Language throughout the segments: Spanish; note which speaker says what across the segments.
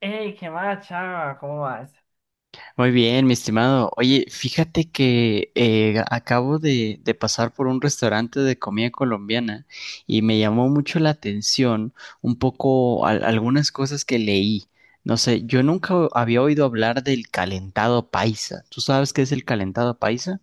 Speaker 1: ¡Ey, qué más, chava! ¿Cómo vas?
Speaker 2: Muy bien, mi estimado. Oye, fíjate que acabo de pasar por un restaurante de comida colombiana y me llamó mucho la atención un poco algunas cosas que leí. No sé, yo nunca había oído hablar del calentado paisa. ¿Tú sabes qué es el calentado paisa?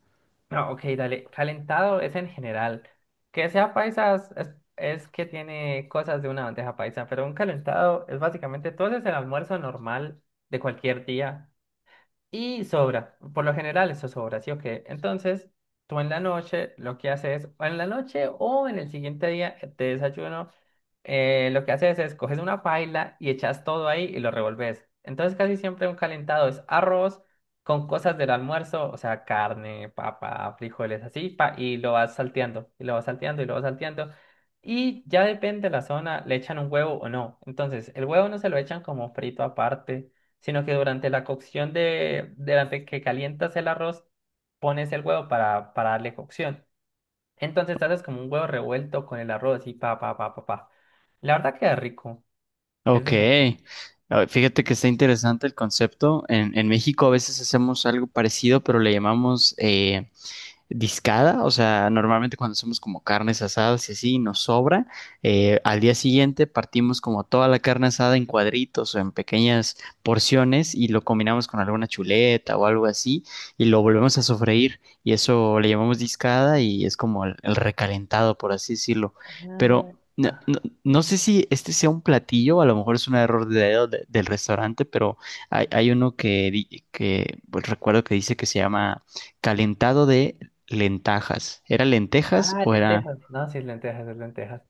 Speaker 1: No, ok, dale. Calentado es en general. Que sea paisas es que tiene cosas de una bandeja paisa, pero un calentado es básicamente todo es el almuerzo normal de cualquier día. Y sobra, por lo general eso sobra, ¿sí o qué? Entonces, tú en la noche lo que haces, o en la noche o en el siguiente día de desayuno, lo que haces es coges una paila y echas todo ahí y lo revolves. Entonces, casi siempre un calentado es arroz con cosas del almuerzo, o sea, carne, papa, frijoles, así, pa, y lo vas salteando, y lo vas salteando, y lo vas salteando. Y ya depende de la zona, le echan un huevo o no. Entonces, el huevo no se lo echan como frito aparte sino que durante la cocción de, durante que calientas el arroz, pones el huevo para darle cocción. Entonces haces como un huevo revuelto con el arroz y pa, pa, pa, pa, pa. La verdad queda rico, es
Speaker 2: Ok.
Speaker 1: decente.
Speaker 2: Ah, fíjate que está interesante el concepto. En México a veces hacemos algo parecido, pero le llamamos discada. O sea, normalmente cuando hacemos como carnes asadas y así nos sobra, al día siguiente partimos como toda la carne asada en cuadritos o en pequeñas porciones y lo combinamos con alguna chuleta o algo así y lo volvemos a sofreír, y eso le llamamos discada y es como el recalentado, por así decirlo. Pero
Speaker 1: Ah,
Speaker 2: no,
Speaker 1: pa-
Speaker 2: no sé si este sea un platillo, a lo mejor es un error de dedo del restaurante, pero hay uno que, que pues, recuerdo que dice que se llama calentado de Lentajas. ¿Era lentejas o era...?
Speaker 1: lentejas. No, sí, es lentejas, es lentejas.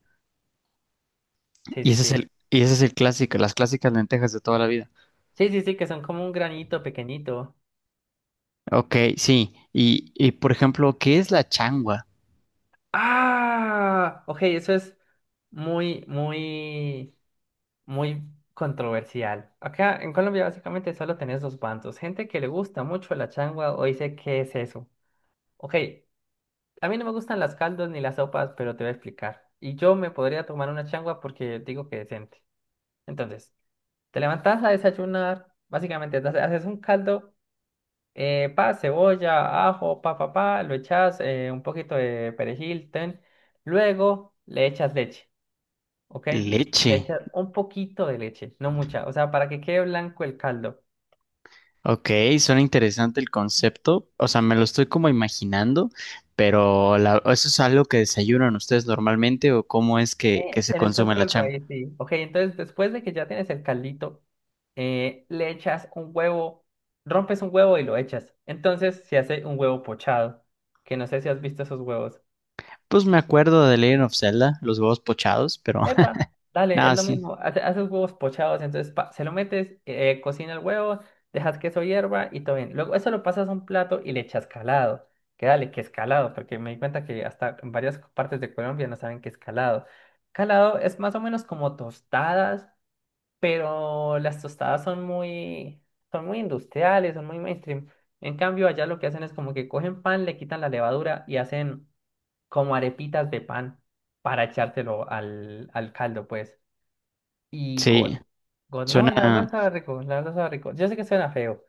Speaker 1: Sí,
Speaker 2: Y
Speaker 1: sí,
Speaker 2: ese es
Speaker 1: sí.
Speaker 2: el, y ese es el clásico, las clásicas lentejas de toda la vida.
Speaker 1: Sí, sí, sí, que son como un granito pequeñito.
Speaker 2: Ok, sí. Y por ejemplo, ¿qué es la changua?
Speaker 1: Ah, ok, eso es muy, muy... muy controversial. Acá en Colombia básicamente solo tenés dos bandos, gente que le gusta mucho la changua o dice, ¿qué es eso? Ok, a mí no me gustan las caldos ni las sopas, pero te voy a explicar. Y yo me podría tomar una changua porque digo que decente. Entonces, te levantás a desayunar, básicamente haces un caldo, pa, cebolla, ajo, pa, pa, pa, lo echas, un poquito de perejil, ten. Luego le echas leche. ¿Ok?
Speaker 2: Leche.
Speaker 1: Le echas un poquito de leche, no mucha, o sea, para que quede blanco el caldo.
Speaker 2: Ok, suena interesante el concepto. O sea, me lo estoy como imaginando, pero ¿eso es algo que desayunan ustedes normalmente o cómo es
Speaker 1: Sí,
Speaker 2: que se
Speaker 1: en el
Speaker 2: consume
Speaker 1: centro
Speaker 2: la
Speaker 1: del
Speaker 2: changua?
Speaker 1: país, sí. Ok, entonces después de que ya tienes el caldito, le echas un huevo, rompes un huevo y lo echas. Entonces se hace un huevo pochado, que no sé si has visto esos huevos.
Speaker 2: Pues me acuerdo de Legend of Zelda, los huevos pochados, pero
Speaker 1: Epa, dale, es
Speaker 2: nada,
Speaker 1: lo
Speaker 2: sí.
Speaker 1: mismo. Haces huevos pochados, entonces pa, se lo metes, cocina el huevo, dejas queso hierba y todo bien. Luego eso lo pasas a un plato y le echas calado. Que dale, que es calado, porque me di cuenta que hasta en varias partes de Colombia no saben qué es calado. Calado es más o menos como tostadas, pero las tostadas son muy industriales, son muy mainstream. En cambio, allá lo que hacen es como que cogen pan, le quitan la levadura y hacen como arepitas de pan para echártelo al, al caldo, pues. Y God.
Speaker 2: Sí,
Speaker 1: God, no, la verdad
Speaker 2: suena.
Speaker 1: estaba rico, la verdad estaba rico. Yo sé que suena feo.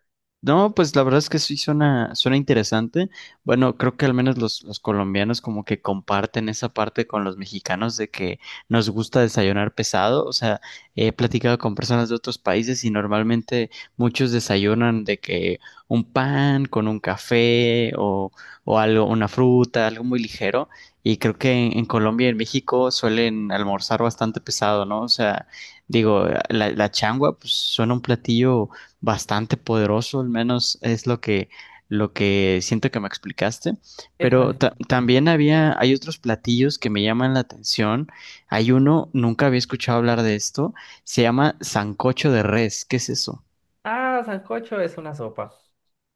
Speaker 2: No, pues la verdad es que sí suena, suena interesante. Bueno, creo que al menos los colombianos como que comparten esa parte con los mexicanos de que nos gusta desayunar pesado. O sea, he platicado con personas de otros países y normalmente muchos desayunan de que un pan con un café o algo, una fruta, algo muy ligero. Y creo que en Colombia y en México suelen almorzar bastante pesado, ¿no? O sea, digo, la changua pues suena un platillo bastante poderoso, al menos es lo que siento que me explicaste.
Speaker 1: Epa.
Speaker 2: Pero también había, hay otros platillos que me llaman la atención. Hay uno, nunca había escuchado hablar de esto, se llama sancocho de res. ¿Qué es eso?
Speaker 1: Ah, sancocho es una sopa.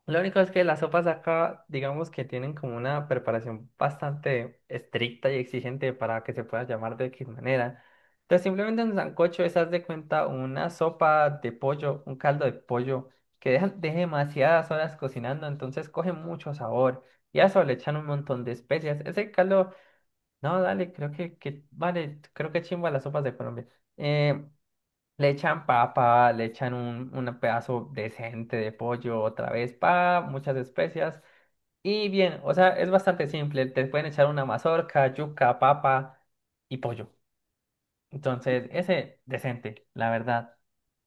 Speaker 1: Lo único es que las sopas de acá, digamos que tienen como una preparación bastante estricta y exigente para que se pueda llamar de X manera. Entonces, simplemente un sancocho es, haz de cuenta, una sopa de pollo, un caldo de pollo que deja, deja demasiadas horas cocinando, entonces coge mucho sabor. Y a eso le echan un montón de especias. Ese caldo, no, dale, creo que vale, creo que chimba las sopas de Colombia. Eh, le echan papa, un pedazo decente de pollo, otra vez pa, muchas especias. Y bien, o sea, es bastante simple. Te pueden echar una mazorca, yuca, papa y pollo. Entonces, ese decente, la verdad.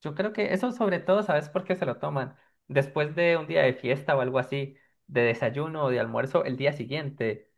Speaker 1: Yo creo que eso sobre todo, ¿sabes por qué se lo toman? Después de un día de fiesta o algo así, de desayuno o de almuerzo, el día siguiente.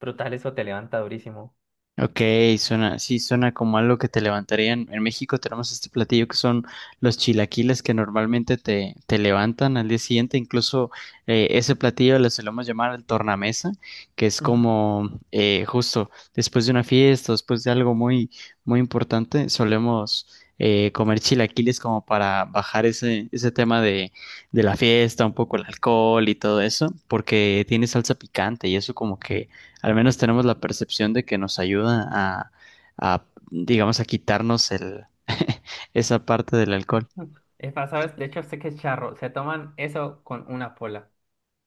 Speaker 1: Brutal, eso te levanta durísimo.
Speaker 2: Ok, suena, sí, suena como algo que te levantarían. En México tenemos este platillo que son los chilaquiles que normalmente te, te levantan al día siguiente. Incluso ese platillo le solemos llamar el tornamesa, que es
Speaker 1: Ujú.
Speaker 2: como justo después de una fiesta, después de algo muy, muy importante, solemos comer chilaquiles como para bajar ese, ese tema de la fiesta, un poco el alcohol y todo eso, porque tiene salsa picante y eso como que al menos tenemos la percepción de que nos ayuda a, digamos, a quitarnos el, esa parte del alcohol.
Speaker 1: Es más, ¿sabes? De hecho, sé que es charro. Se toman eso con una pola.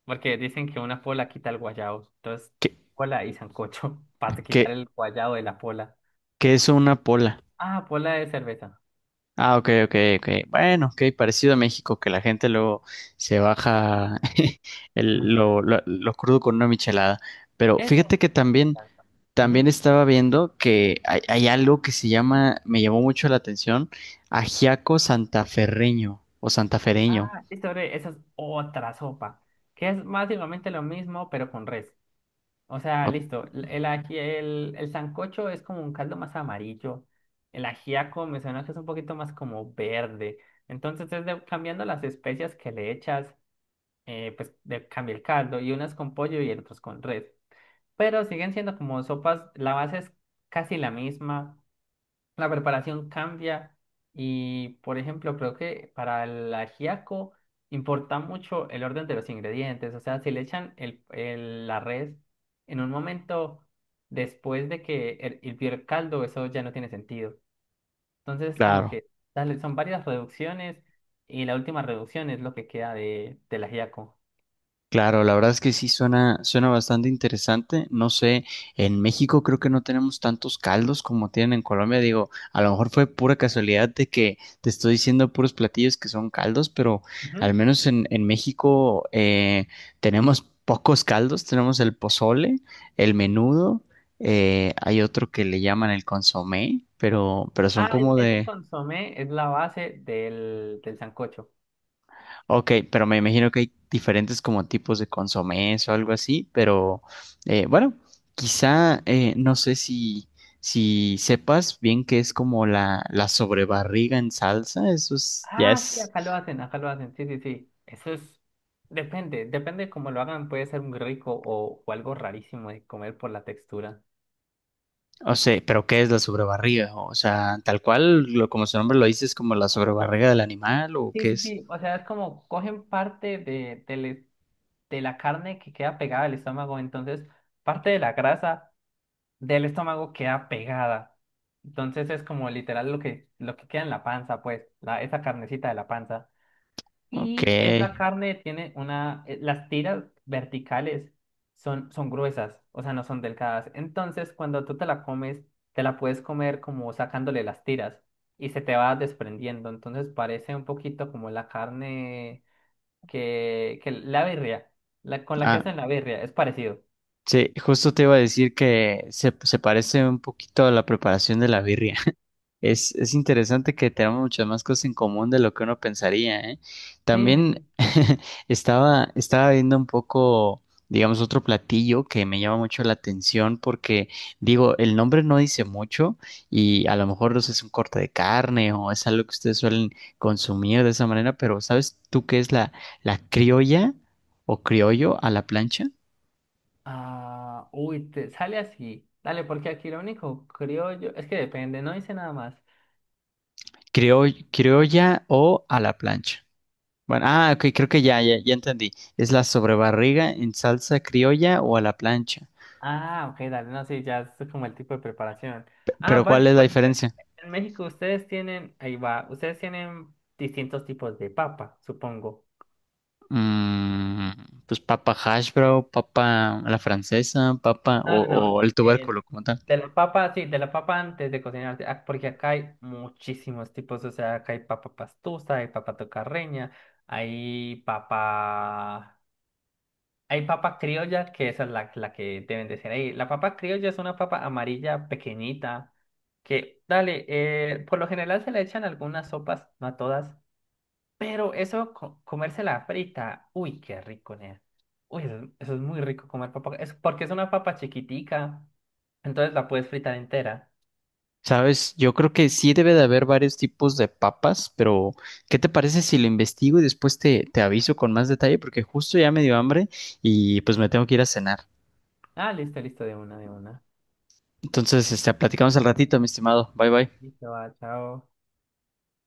Speaker 1: Porque dicen que una pola quita el guayabo. Entonces,
Speaker 2: ¿Qué,
Speaker 1: pola y sancocho para quitar
Speaker 2: qué,
Speaker 1: el guayabo de la pola.
Speaker 2: qué es una pola?
Speaker 1: Ah, pola de cerveza.
Speaker 2: Ah, ok, ok, ok. Bueno, ok, parecido a México, que la gente luego se baja
Speaker 1: Ujú.
Speaker 2: lo, lo crudo con una michelada. Pero
Speaker 1: Eso.
Speaker 2: fíjate que también,
Speaker 1: Exacto.
Speaker 2: también
Speaker 1: Ujú.
Speaker 2: estaba viendo que hay algo que se llama, me llamó mucho la atención, ajiaco santaferreño o santafereño.
Speaker 1: Ah, listo, bre, esa es otra sopa. Que es básicamente lo mismo, pero con res. O sea,
Speaker 2: O-
Speaker 1: listo. El sancocho es como un caldo más amarillo. El ajiaco me suena que es un poquito más como verde. Entonces, cambiando las especias que le echas, pues de, cambia el caldo. Y unas con pollo y otras con res. Pero siguen siendo como sopas, la base es casi la misma, la preparación cambia y, por ejemplo, creo que para el ajiaco importa mucho el orden de los ingredientes, o sea, si le echan la res en un momento después de que hirvió el caldo, eso ya no tiene sentido. Entonces, como
Speaker 2: Claro.
Speaker 1: que dale, son varias reducciones y la última reducción es lo que queda de, del ajiaco.
Speaker 2: Claro, la verdad es que sí suena, suena bastante interesante. No sé, en México creo que no tenemos tantos caldos como tienen en Colombia. Digo, a lo mejor fue pura casualidad de que te estoy diciendo puros platillos que son caldos, pero al
Speaker 1: Ujú.
Speaker 2: menos en México tenemos pocos caldos. Tenemos el pozole, el menudo, hay otro que le llaman el consomé, pero son como
Speaker 1: Ese
Speaker 2: de...
Speaker 1: consomé es la base del, del sancocho.
Speaker 2: Ok, pero me imagino que hay diferentes como tipos de consomés o algo así, pero bueno, quizá no sé si, si sepas bien que es como la sobrebarriga en salsa, eso es, ya
Speaker 1: Ah, sí,
Speaker 2: es,
Speaker 1: acá lo hacen, sí, sí, sí. Eso es, depende, depende cómo lo hagan, puede ser muy rico o algo rarísimo de comer por la textura.
Speaker 2: o sea, pero ¿qué es la sobrebarriga? O sea, tal cual, lo, como su nombre lo dice, es como la sobrebarriga del animal o
Speaker 1: Sí,
Speaker 2: qué
Speaker 1: sí,
Speaker 2: es.
Speaker 1: sí, o sea, es como cogen parte de, de la carne que queda pegada al estómago, entonces parte de la grasa del estómago queda pegada. Entonces es como literal lo que queda en la panza, pues, la, esa carnecita de la panza.
Speaker 2: Ok,
Speaker 1: Y es la carne, tiene una, las tiras verticales son, son gruesas, o sea, no son delgadas. Entonces, cuando tú te la comes, te la puedes comer como sacándole las tiras y se te va desprendiendo. Entonces, parece un poquito como la carne que la birria, la, con la que
Speaker 2: ah,
Speaker 1: hacen la birria, es parecido.
Speaker 2: sí, justo te iba a decir que se parece un poquito a la preparación de la birria. Es interesante que tenemos muchas más cosas en común de lo que uno pensaría, ¿eh?
Speaker 1: Sí, sí,
Speaker 2: También
Speaker 1: sí.
Speaker 2: estaba, estaba viendo un poco, digamos, otro platillo que me llama mucho la atención porque, digo, el nombre no dice mucho y a lo mejor no sé, es un corte de carne o es algo que ustedes suelen consumir de esa manera, pero ¿sabes tú qué es la criolla o criollo a la plancha?
Speaker 1: Ah, uy, te sale así. Dale, porque aquí lo único criollo es que depende, no dice nada más.
Speaker 2: Criolla o a la plancha. Bueno, ah, ok, creo que ya, ya, ya entendí. ¿Es la sobrebarriga en salsa criolla o a la plancha?
Speaker 1: Ah, ok, dale, no, sí, ya es como el tipo de preparación. Ah,
Speaker 2: Pero ¿cuál
Speaker 1: vale,
Speaker 2: es la
Speaker 1: por ejemplo,
Speaker 2: diferencia?
Speaker 1: en México ustedes tienen, ahí va, ustedes tienen distintos tipos de papa, supongo.
Speaker 2: Mm, pues papa hash brown, papa a la francesa, papa
Speaker 1: No, no, no,
Speaker 2: o el
Speaker 1: eh,
Speaker 2: tubérculo como tal.
Speaker 1: de la papa, sí, de la papa antes de cocinarse, ah, porque acá hay muchísimos tipos, o sea, acá hay papa pastusa, hay papa tocarreña, hay papa... Hay papa criolla, que esa es la, la que deben de ser ahí. La papa criolla es una papa amarilla pequeñita que, dale, por lo general se le echan algunas sopas, no a todas, pero eso, comérsela frita, uy, qué rico, nea. Uy, eso es muy rico comer papa, es porque es una papa chiquitica, entonces la puedes fritar entera.
Speaker 2: Sabes, yo creo que sí debe de haber varios tipos de papas, pero ¿qué te parece si lo investigo y después te, te aviso con más detalle? Porque justo ya me dio hambre y pues me tengo que ir a cenar.
Speaker 1: Ah, listo, listo, de una, de una.
Speaker 2: Entonces, este, platicamos al ratito, mi estimado. Bye bye.
Speaker 1: Listo, va, chao.